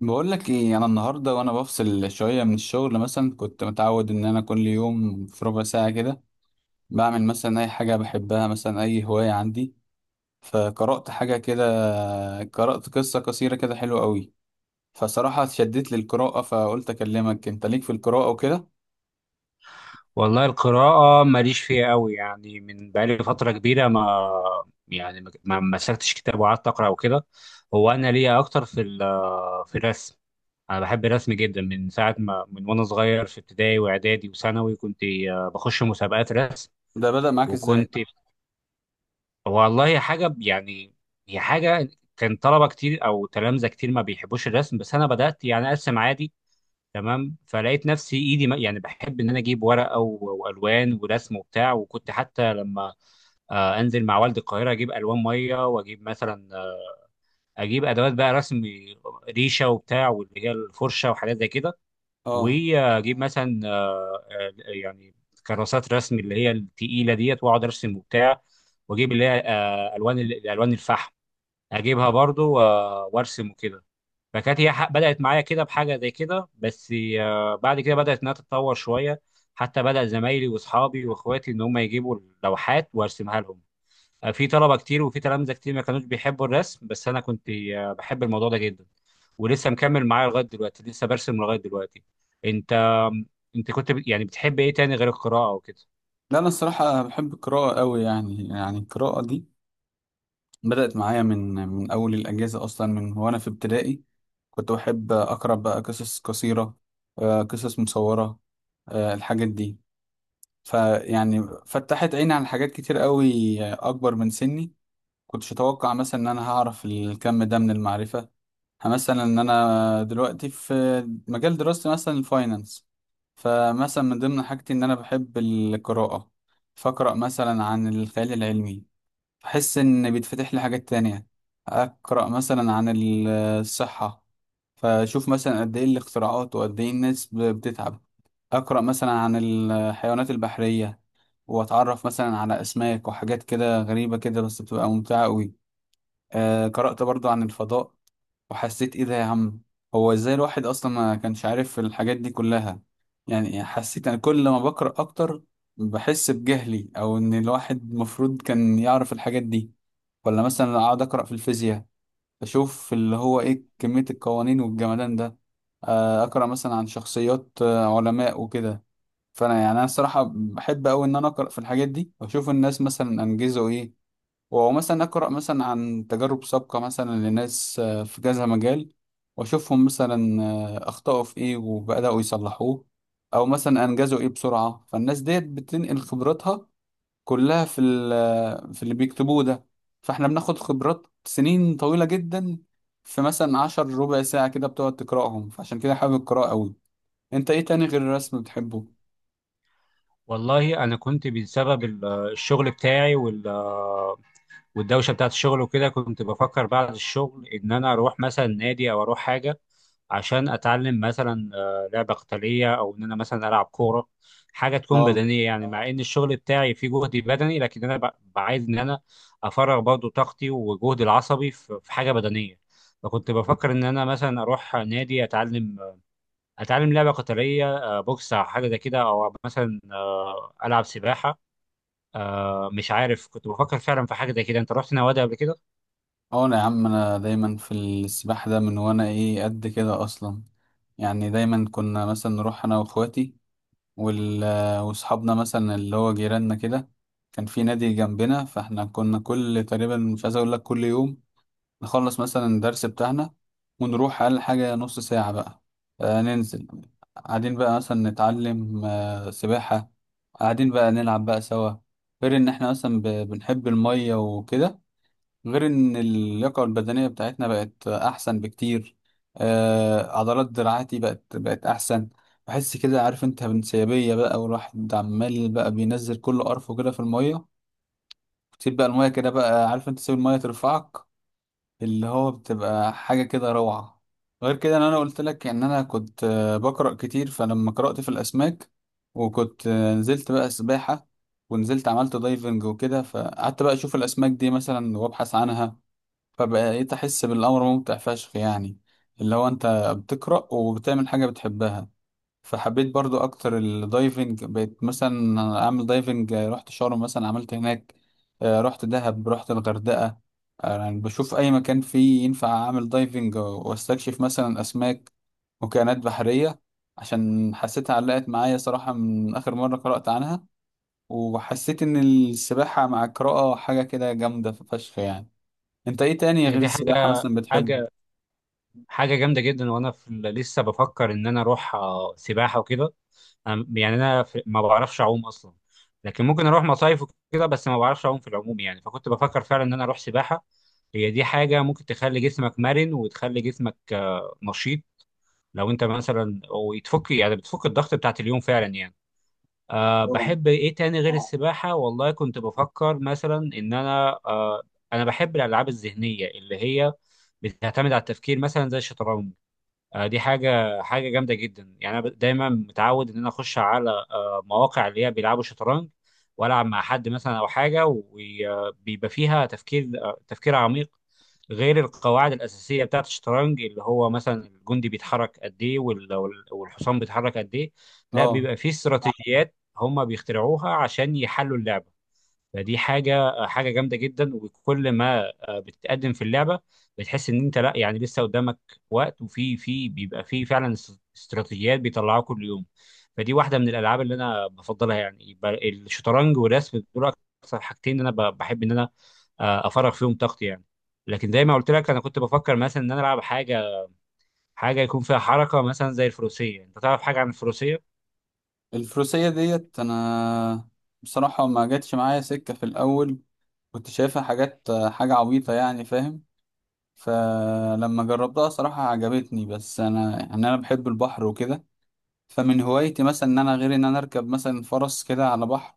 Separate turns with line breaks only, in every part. بقول لك ايه. انا النهارده وانا بفصل شويه من الشغل، مثلا كنت متعود ان انا كل يوم في ربع ساعه كده بعمل مثلا اي حاجه بحبها، مثلا اي هوايه عندي. فقرات حاجه كده قرات قصه قصيره كده حلوه قوي. فصراحه اتشدت للقراءه، فقلت اكلمك انت ليك في القراءه وكده.
والله القراءة ماليش فيها قوي. يعني من بقالي فترة كبيرة ما يعني ما مسكتش كتاب وقعدت أقرأ وكده. هو أنا ليا أكتر في في الرسم. أنا بحب الرسم جدا من ساعة ما وأنا صغير، في ابتدائي وإعدادي وثانوي كنت بخش مسابقات رسم.
ده بدأ معاك ازاي؟
وكنت والله حاجة يعني، هي حاجة، كان طلبة كتير أو تلامذة كتير ما بيحبوش الرسم، بس أنا بدأت يعني أرسم عادي. تمام، فلقيت نفسي ايدي يعني بحب ان انا اجيب ورقه والوان ورسم وبتاع. وكنت حتى لما انزل مع والد القاهره اجيب الوان ميه، واجيب مثلا اجيب ادوات بقى رسم، ريشه وبتاع واللي هي الفرشه وحاجات زي كده.
اه.
واجيب مثلا يعني كراسات رسم اللي هي التقيله ديت، واقعد ارسم وبتاع. واجيب اللي هي الالوان الفحم، اجيبها برضو وارسم وكده. فكانت هي بدأت معايا كده بحاجة زي كده بس. بعد كده بدأت إنها تتطور شوية، حتى بدأ زمايلي وأصحابي وإخواتي إن هم يجيبوا اللوحات وأرسمها لهم. في طلبة كتير وفي تلامذة كتير ما كانوش بيحبوا الرسم، بس أنا كنت بحب الموضوع ده جدا، ولسه مكمل معايا لغاية دلوقتي، لسه برسم لغاية دلوقتي. أنت أنت كنت يعني بتحب إيه تاني غير القراءة وكده؟
لا انا الصراحه بحب القراءه قوي، يعني القراءه دي بدأت معايا من أول الأجازة، أصلا من وأنا في ابتدائي كنت بحب أقرأ بقى قصص قصيرة، قصص مصورة، الحاجات دي. فيعني فتحت عيني على حاجات كتير قوي أكبر من سني. كنتش أتوقع مثلا إن أنا هعرف الكم ده من المعرفة، مثلا إن أنا دلوقتي في مجال دراستي مثلا الفاينانس. فمثلا من ضمن حاجتي إن أنا بحب القراءة، فأقرأ مثلا عن الخيال العلمي، بحس إن بيتفتح لي حاجات تانية. أقرأ مثلا عن الصحة، فأشوف مثلا قد إيه الاختراعات وقد إيه الناس بتتعب. أقرأ مثلا عن الحيوانات البحرية، وأتعرف مثلا على أسماك وحاجات كده غريبة كده، بس بتبقى ممتعة أوي. قرأت برضو عن الفضاء وحسيت ايه ده يا عم، هو ازاي الواحد اصلا ما كانش عارف الحاجات دي كلها؟ يعني حسيت انا كل ما بقرأ اكتر بحس بجهلي، او ان الواحد المفروض كان يعرف الحاجات دي. ولا مثلا اقعد اقرأ في الفيزياء، اشوف اللي هو ايه كمية القوانين والجمدان ده. اقرأ مثلا عن شخصيات علماء وكده. فانا يعني انا الصراحة بحب قوي ان انا اقرأ في الحاجات دي واشوف الناس مثلا انجزوا ايه. ومثلا أقرأ مثلا عن تجارب سابقة مثلا لناس في كذا مجال، وأشوفهم مثلا أخطأوا في إيه وبدأوا يصلحوه، أو مثلا أنجزوا إيه بسرعة. فالناس ديت بتنقل خبراتها كلها في في اللي بيكتبوه ده. فإحنا بناخد خبرات سنين طويلة جدا في مثلا عشر ربع ساعة كده بتقعد تقرأهم، فعشان كده حابب القراءة أوي. أنت إيه تاني غير الرسم بتحبه؟
والله أنا كنت بسبب الشغل بتاعي والدوشه بتاعت الشغل وكده، كنت بفكر بعد الشغل ان انا اروح مثلا نادي او اروح حاجه عشان اتعلم مثلا لعبه قتاليه، او ان انا مثلا العب كوره، حاجه تكون
آه.
بدنيه يعني. مع ان الشغل بتاعي فيه جهد بدني، لكن انا بعايز ان انا افرغ برضو طاقتي وجهدي العصبي في حاجه بدنيه. فكنت بفكر ان انا مثلا اروح نادي اتعلم، اتعلم لعبه قتاليه بوكس او حاجه زي كده، او مثلا العب سباحه. مش عارف، كنت بفكر فعلا في حاجه زي كده. انت رحت نوادي قبل كده؟
اه انا يا عم انا دايما في السباحة، ده من وانا ايه قد كده اصلا. يعني دايما كنا مثلا نروح انا واخواتي واصحابنا مثلا اللي هو جيراننا كده، كان في نادي جنبنا. فاحنا كنا كل تقريبا مش عايز اقول لك كل يوم نخلص مثلا الدرس بتاعنا ونروح اقل حاجة نص ساعة بقى. ننزل قاعدين بقى مثلا نتعلم سباحة، قاعدين بقى نلعب بقى سوا. غير ان احنا مثلا بنحب المية وكده، غير ان اللياقة البدنية بتاعتنا بقت احسن بكتير. عضلات دراعاتي بقت احسن. بحس كده عارف انت بانسيابية بقى، والواحد عمال بقى بينزل كل قرفه كده في المية، تسيب بقى المية كده بقى عارف انت تسيب المية ترفعك، اللي هو بتبقى حاجة كده روعة. غير كده ان انا قلت لك ان انا كنت بقرأ كتير، فلما قرأت في الاسماك وكنت نزلت بقى سباحة ونزلت عملت دايفنج وكده، فقعدت بقى اشوف الاسماك دي مثلا وابحث عنها. فبقيت أحس بالأمر ممتع فشخ يعني، اللي هو أنت بتقرأ وبتعمل حاجة بتحبها. فحبيت برضو أكتر الدايفنج، بقيت مثلا أعمل دايفنج رحت شرم مثلا عملت هناك، رحت دهب رحت الغردقة. يعني بشوف أي مكان فيه ينفع أعمل دايفنج وأستكشف مثلا أسماك وكائنات بحرية، عشان حسيتها علقت معايا صراحة من آخر مرة قرأت عنها. وحسيت إن السباحة مع القراءة حاجة كده جامدة فشخ يعني. انت ايه تاني
هي
غير
دي
السباحة
حاجة
مثلا بتحبه؟
حاجة حاجة جامدة جدا، وأنا في لسه بفكر إن أنا أروح سباحة وكده. يعني ما بعرفش أعوم أصلا، لكن ممكن أروح مصايف وكده، بس ما بعرفش أعوم في العموم يعني. فكنت بفكر فعلا إن أنا أروح سباحة، هي دي حاجة ممكن تخلي جسمك مرن وتخلي جسمك نشيط، لو أنت مثلا ويتفك يعني بتفك الضغط بتاعت اليوم فعلا يعني.
اه
بحب إيه تاني غير السباحة؟ والله كنت بفكر مثلا إن أنا بحب الألعاب الذهنية اللي هي بتعتمد على التفكير مثلا زي الشطرنج. دي حاجه جامده جدا، يعني انا دايما متعود ان انا اخش على مواقع اللي هي بيلعبوا شطرنج، والعب مع حد مثلا او حاجه، وبيبقى فيها تفكير عميق، غير القواعد الاساسيه بتاعت الشطرنج اللي هو مثلا الجندي بيتحرك قد ايه والحصان بيتحرك قد ايه. لا،
اه.
بيبقى فيه استراتيجيات هم بيخترعوها عشان يحلوا اللعبه. فدي حاجه جامده جدا، وكل ما بتتقدم في اللعبه بتحس ان انت لا، يعني لسه قدامك وقت، وفي بيبقى في فعلا استراتيجيات بيطلعوها كل يوم. فدي واحده من الالعاب اللي انا بفضلها، يعني يبقى الشطرنج والرسم دول اكثر حاجتين انا بحب ان انا افرغ فيهم طاقتي يعني. لكن زي ما قلت لك، انا كنت بفكر مثلا ان انا العب حاجه، حاجه يكون فيها حركه مثلا زي الفروسيه. انت تعرف حاجه عن الفروسيه؟
الفروسية ديت انا بصراحة ما جاتش معايا سكة في الاول، كنت شايفها حاجات حاجة عبيطة يعني فاهم. فلما جربتها صراحة عجبتني، بس انا يعني انا بحب البحر وكده. فمن هوايتي مثلا ان انا غير ان انا اركب مثلا فرس كده على بحر،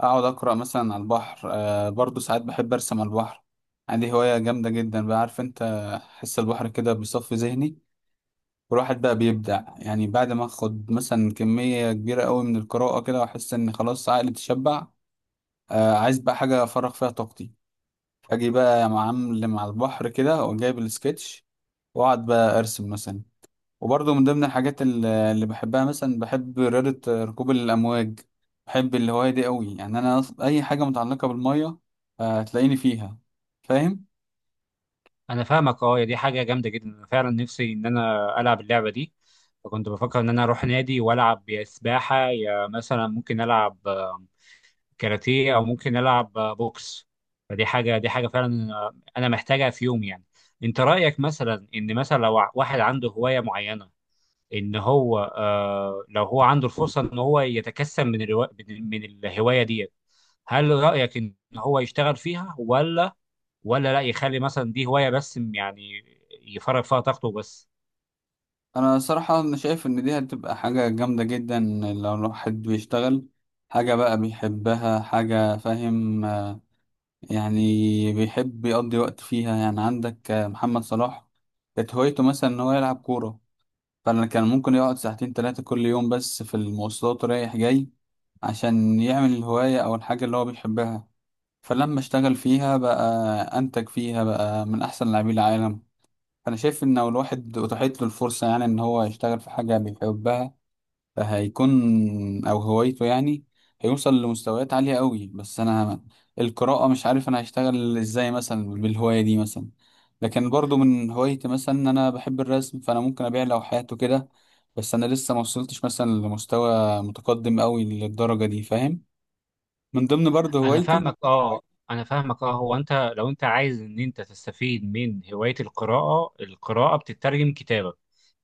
اقعد اقرا مثلا على البحر. برضو ساعات بحب ارسم على البحر، عندي هواية جامدة جدا بقى عارف انت. حس البحر كده بيصفي ذهني، والواحد بقى بيبدع يعني بعد ما اخد مثلا كمية كبيرة قوي من القراءة كده واحس ان خلاص عقلي اتشبع. عايز بقى حاجة افرغ فيها طاقتي، اجي بقى يا معلم مع البحر كده وجايب السكتش واقعد بقى ارسم مثلا. وبرضه من ضمن الحاجات اللي بحبها مثلا بحب رياضة ركوب الامواج، بحب الهواية دي قوي. يعني انا اي حاجة متعلقة بالمية هتلاقيني فيها فاهم.
انا فاهمك اه، دي حاجه جامده جدا. انا فعلا نفسي ان انا العب اللعبه دي، فكنت بفكر ان انا اروح نادي والعب يا سباحه يا مثلا ممكن العب كاراتيه، او ممكن العب بوكس. فدي حاجه فعلا انا محتاجها في يوم يعني. انت رايك مثلا ان مثلا لو واحد عنده هوايه معينه، ان هو آه لو هو عنده الفرصه ان هو يتكسب من الروا... من من الهوايه ديت، هل رايك ان هو يشتغل فيها، ولا لا يخلي مثلا دي هوايه بس يعني، يفرغ فيها طاقته بس؟
انا صراحة انا شايف ان دي هتبقى حاجة جامدة جدا لو الواحد بيشتغل حاجة بقى بيحبها، حاجة فاهم يعني بيحب يقضي وقت فيها. يعني عندك محمد صلاح كانت هوايته مثلا ان هو يلعب كورة، فانا كان ممكن يقعد ساعتين تلاتة كل يوم بس في المواصلات رايح جاي عشان يعمل الهواية او الحاجة اللي هو بيحبها. فلما اشتغل فيها بقى انتج فيها بقى من احسن لاعبي العالم. فانا شايف ان لو الواحد اتاحت له الفرصة يعني ان هو يشتغل في حاجة بيحبها هيكون او هوايته يعني، هيوصل لمستويات عالية قوي. بس انا القراءة مش عارف انا هشتغل ازاي مثلا بالهواية دي مثلا، لكن برضو من هوايتي مثلا ان انا بحب الرسم فانا ممكن ابيع لوحات وكده، بس انا لسه ما وصلتش مثلا لمستوى متقدم قوي للدرجة دي فاهم. من ضمن برضو
انا
هوايتي
فاهمك اه، انا فاهمك اه. هو انت لو انت عايز ان انت تستفيد من هوايه القراءه، القراءه بتترجم كتابه،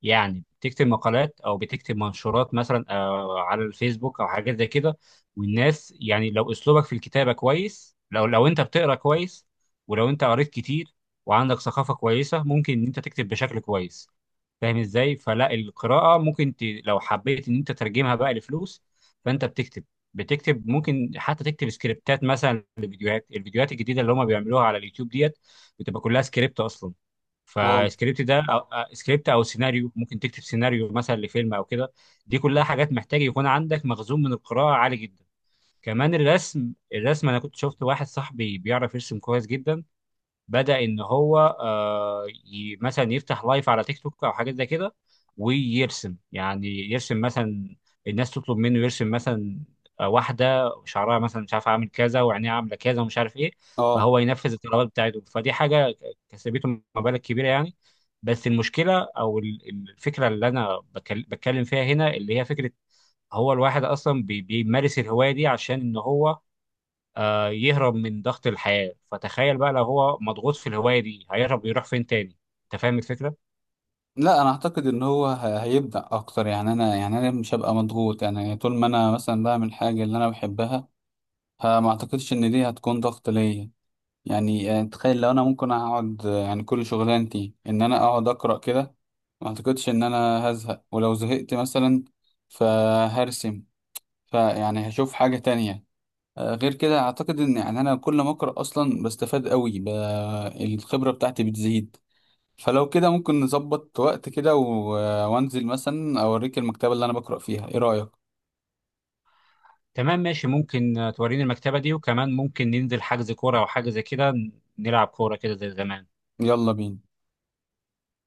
يعني بتكتب مقالات او بتكتب منشورات مثلا على الفيسبوك او حاجات زي كده. والناس يعني لو اسلوبك في الكتابه كويس، لو انت بتقرا كويس ولو انت قريت كتير وعندك ثقافه كويسه، ممكن ان انت تكتب بشكل كويس. فاهم ازاي؟ فلا، القراءه ممكن لو حبيت ان انت تترجمها بقى لفلوس، فانت بتكتب ممكن حتى تكتب سكريبتات مثلا لفيديوهات، الفيديوهات الجديده اللي هم بيعملوها على اليوتيوب ديت بتبقى كلها سكريبت اصلا.
اه
فالسكريبت ده سكريبت او سيناريو، ممكن تكتب سيناريو مثلا لفيلم او كده. دي كلها حاجات محتاج يكون عندك مخزون من القراءه عالي جدا. كمان الرسم، الرسم انا كنت شفت واحد صاحبي بيعرف يرسم كويس جدا، بدأ إن هو مثلا يفتح لايف على تيك توك أو حاجات زي كده، ويرسم يعني يرسم مثلا، الناس تطلب منه يرسم مثلا واحدة شعرها مثلا مش عارف عامل كذا وعينيها عاملة كذا ومش عارف إيه،
اه.
فهو ينفذ الطلبات بتاعته. فدي حاجة كسبته مبالغ كبيرة يعني. بس المشكلة أو الفكرة اللي أنا بتكلم فيها هنا، اللي هي فكرة هو الواحد أصلا بيمارس الهواية دي عشان إن هو يهرب من ضغط الحياة، فتخيل بقى لو هو مضغوط في الهواية دي هيهرب يروح فين تاني؟ انت فاهم الفكرة؟
لا انا اعتقد ان هو هيبدأ اكتر. يعني انا يعني انا مش هبقى مضغوط يعني طول ما انا مثلا بعمل حاجة اللي انا بحبها، فما اعتقدش ان دي هتكون ضغط ليا. يعني تخيل لو انا ممكن اقعد يعني كل شغلانتي ان انا اقعد اقرا كده، ما اعتقدش ان انا هزهق، ولو زهقت مثلا فهرسم، فيعني هشوف حاجة تانية. غير كده اعتقد ان يعني انا كل ما اقرا اصلا بستفاد قوي الخبرة بتاعتي بتزيد. فلو كده ممكن نظبط وقت كده و... آه، وانزل مثلا اوريك المكتبة اللي انا بقرا فيها، ايه رأيك؟
تمام، ماشي. ممكن توريني المكتبة دي، وكمان ممكن ننزل حجز كورة او حاجة زي كده، نلعب كورة كده زي زمان.
يلا بينا.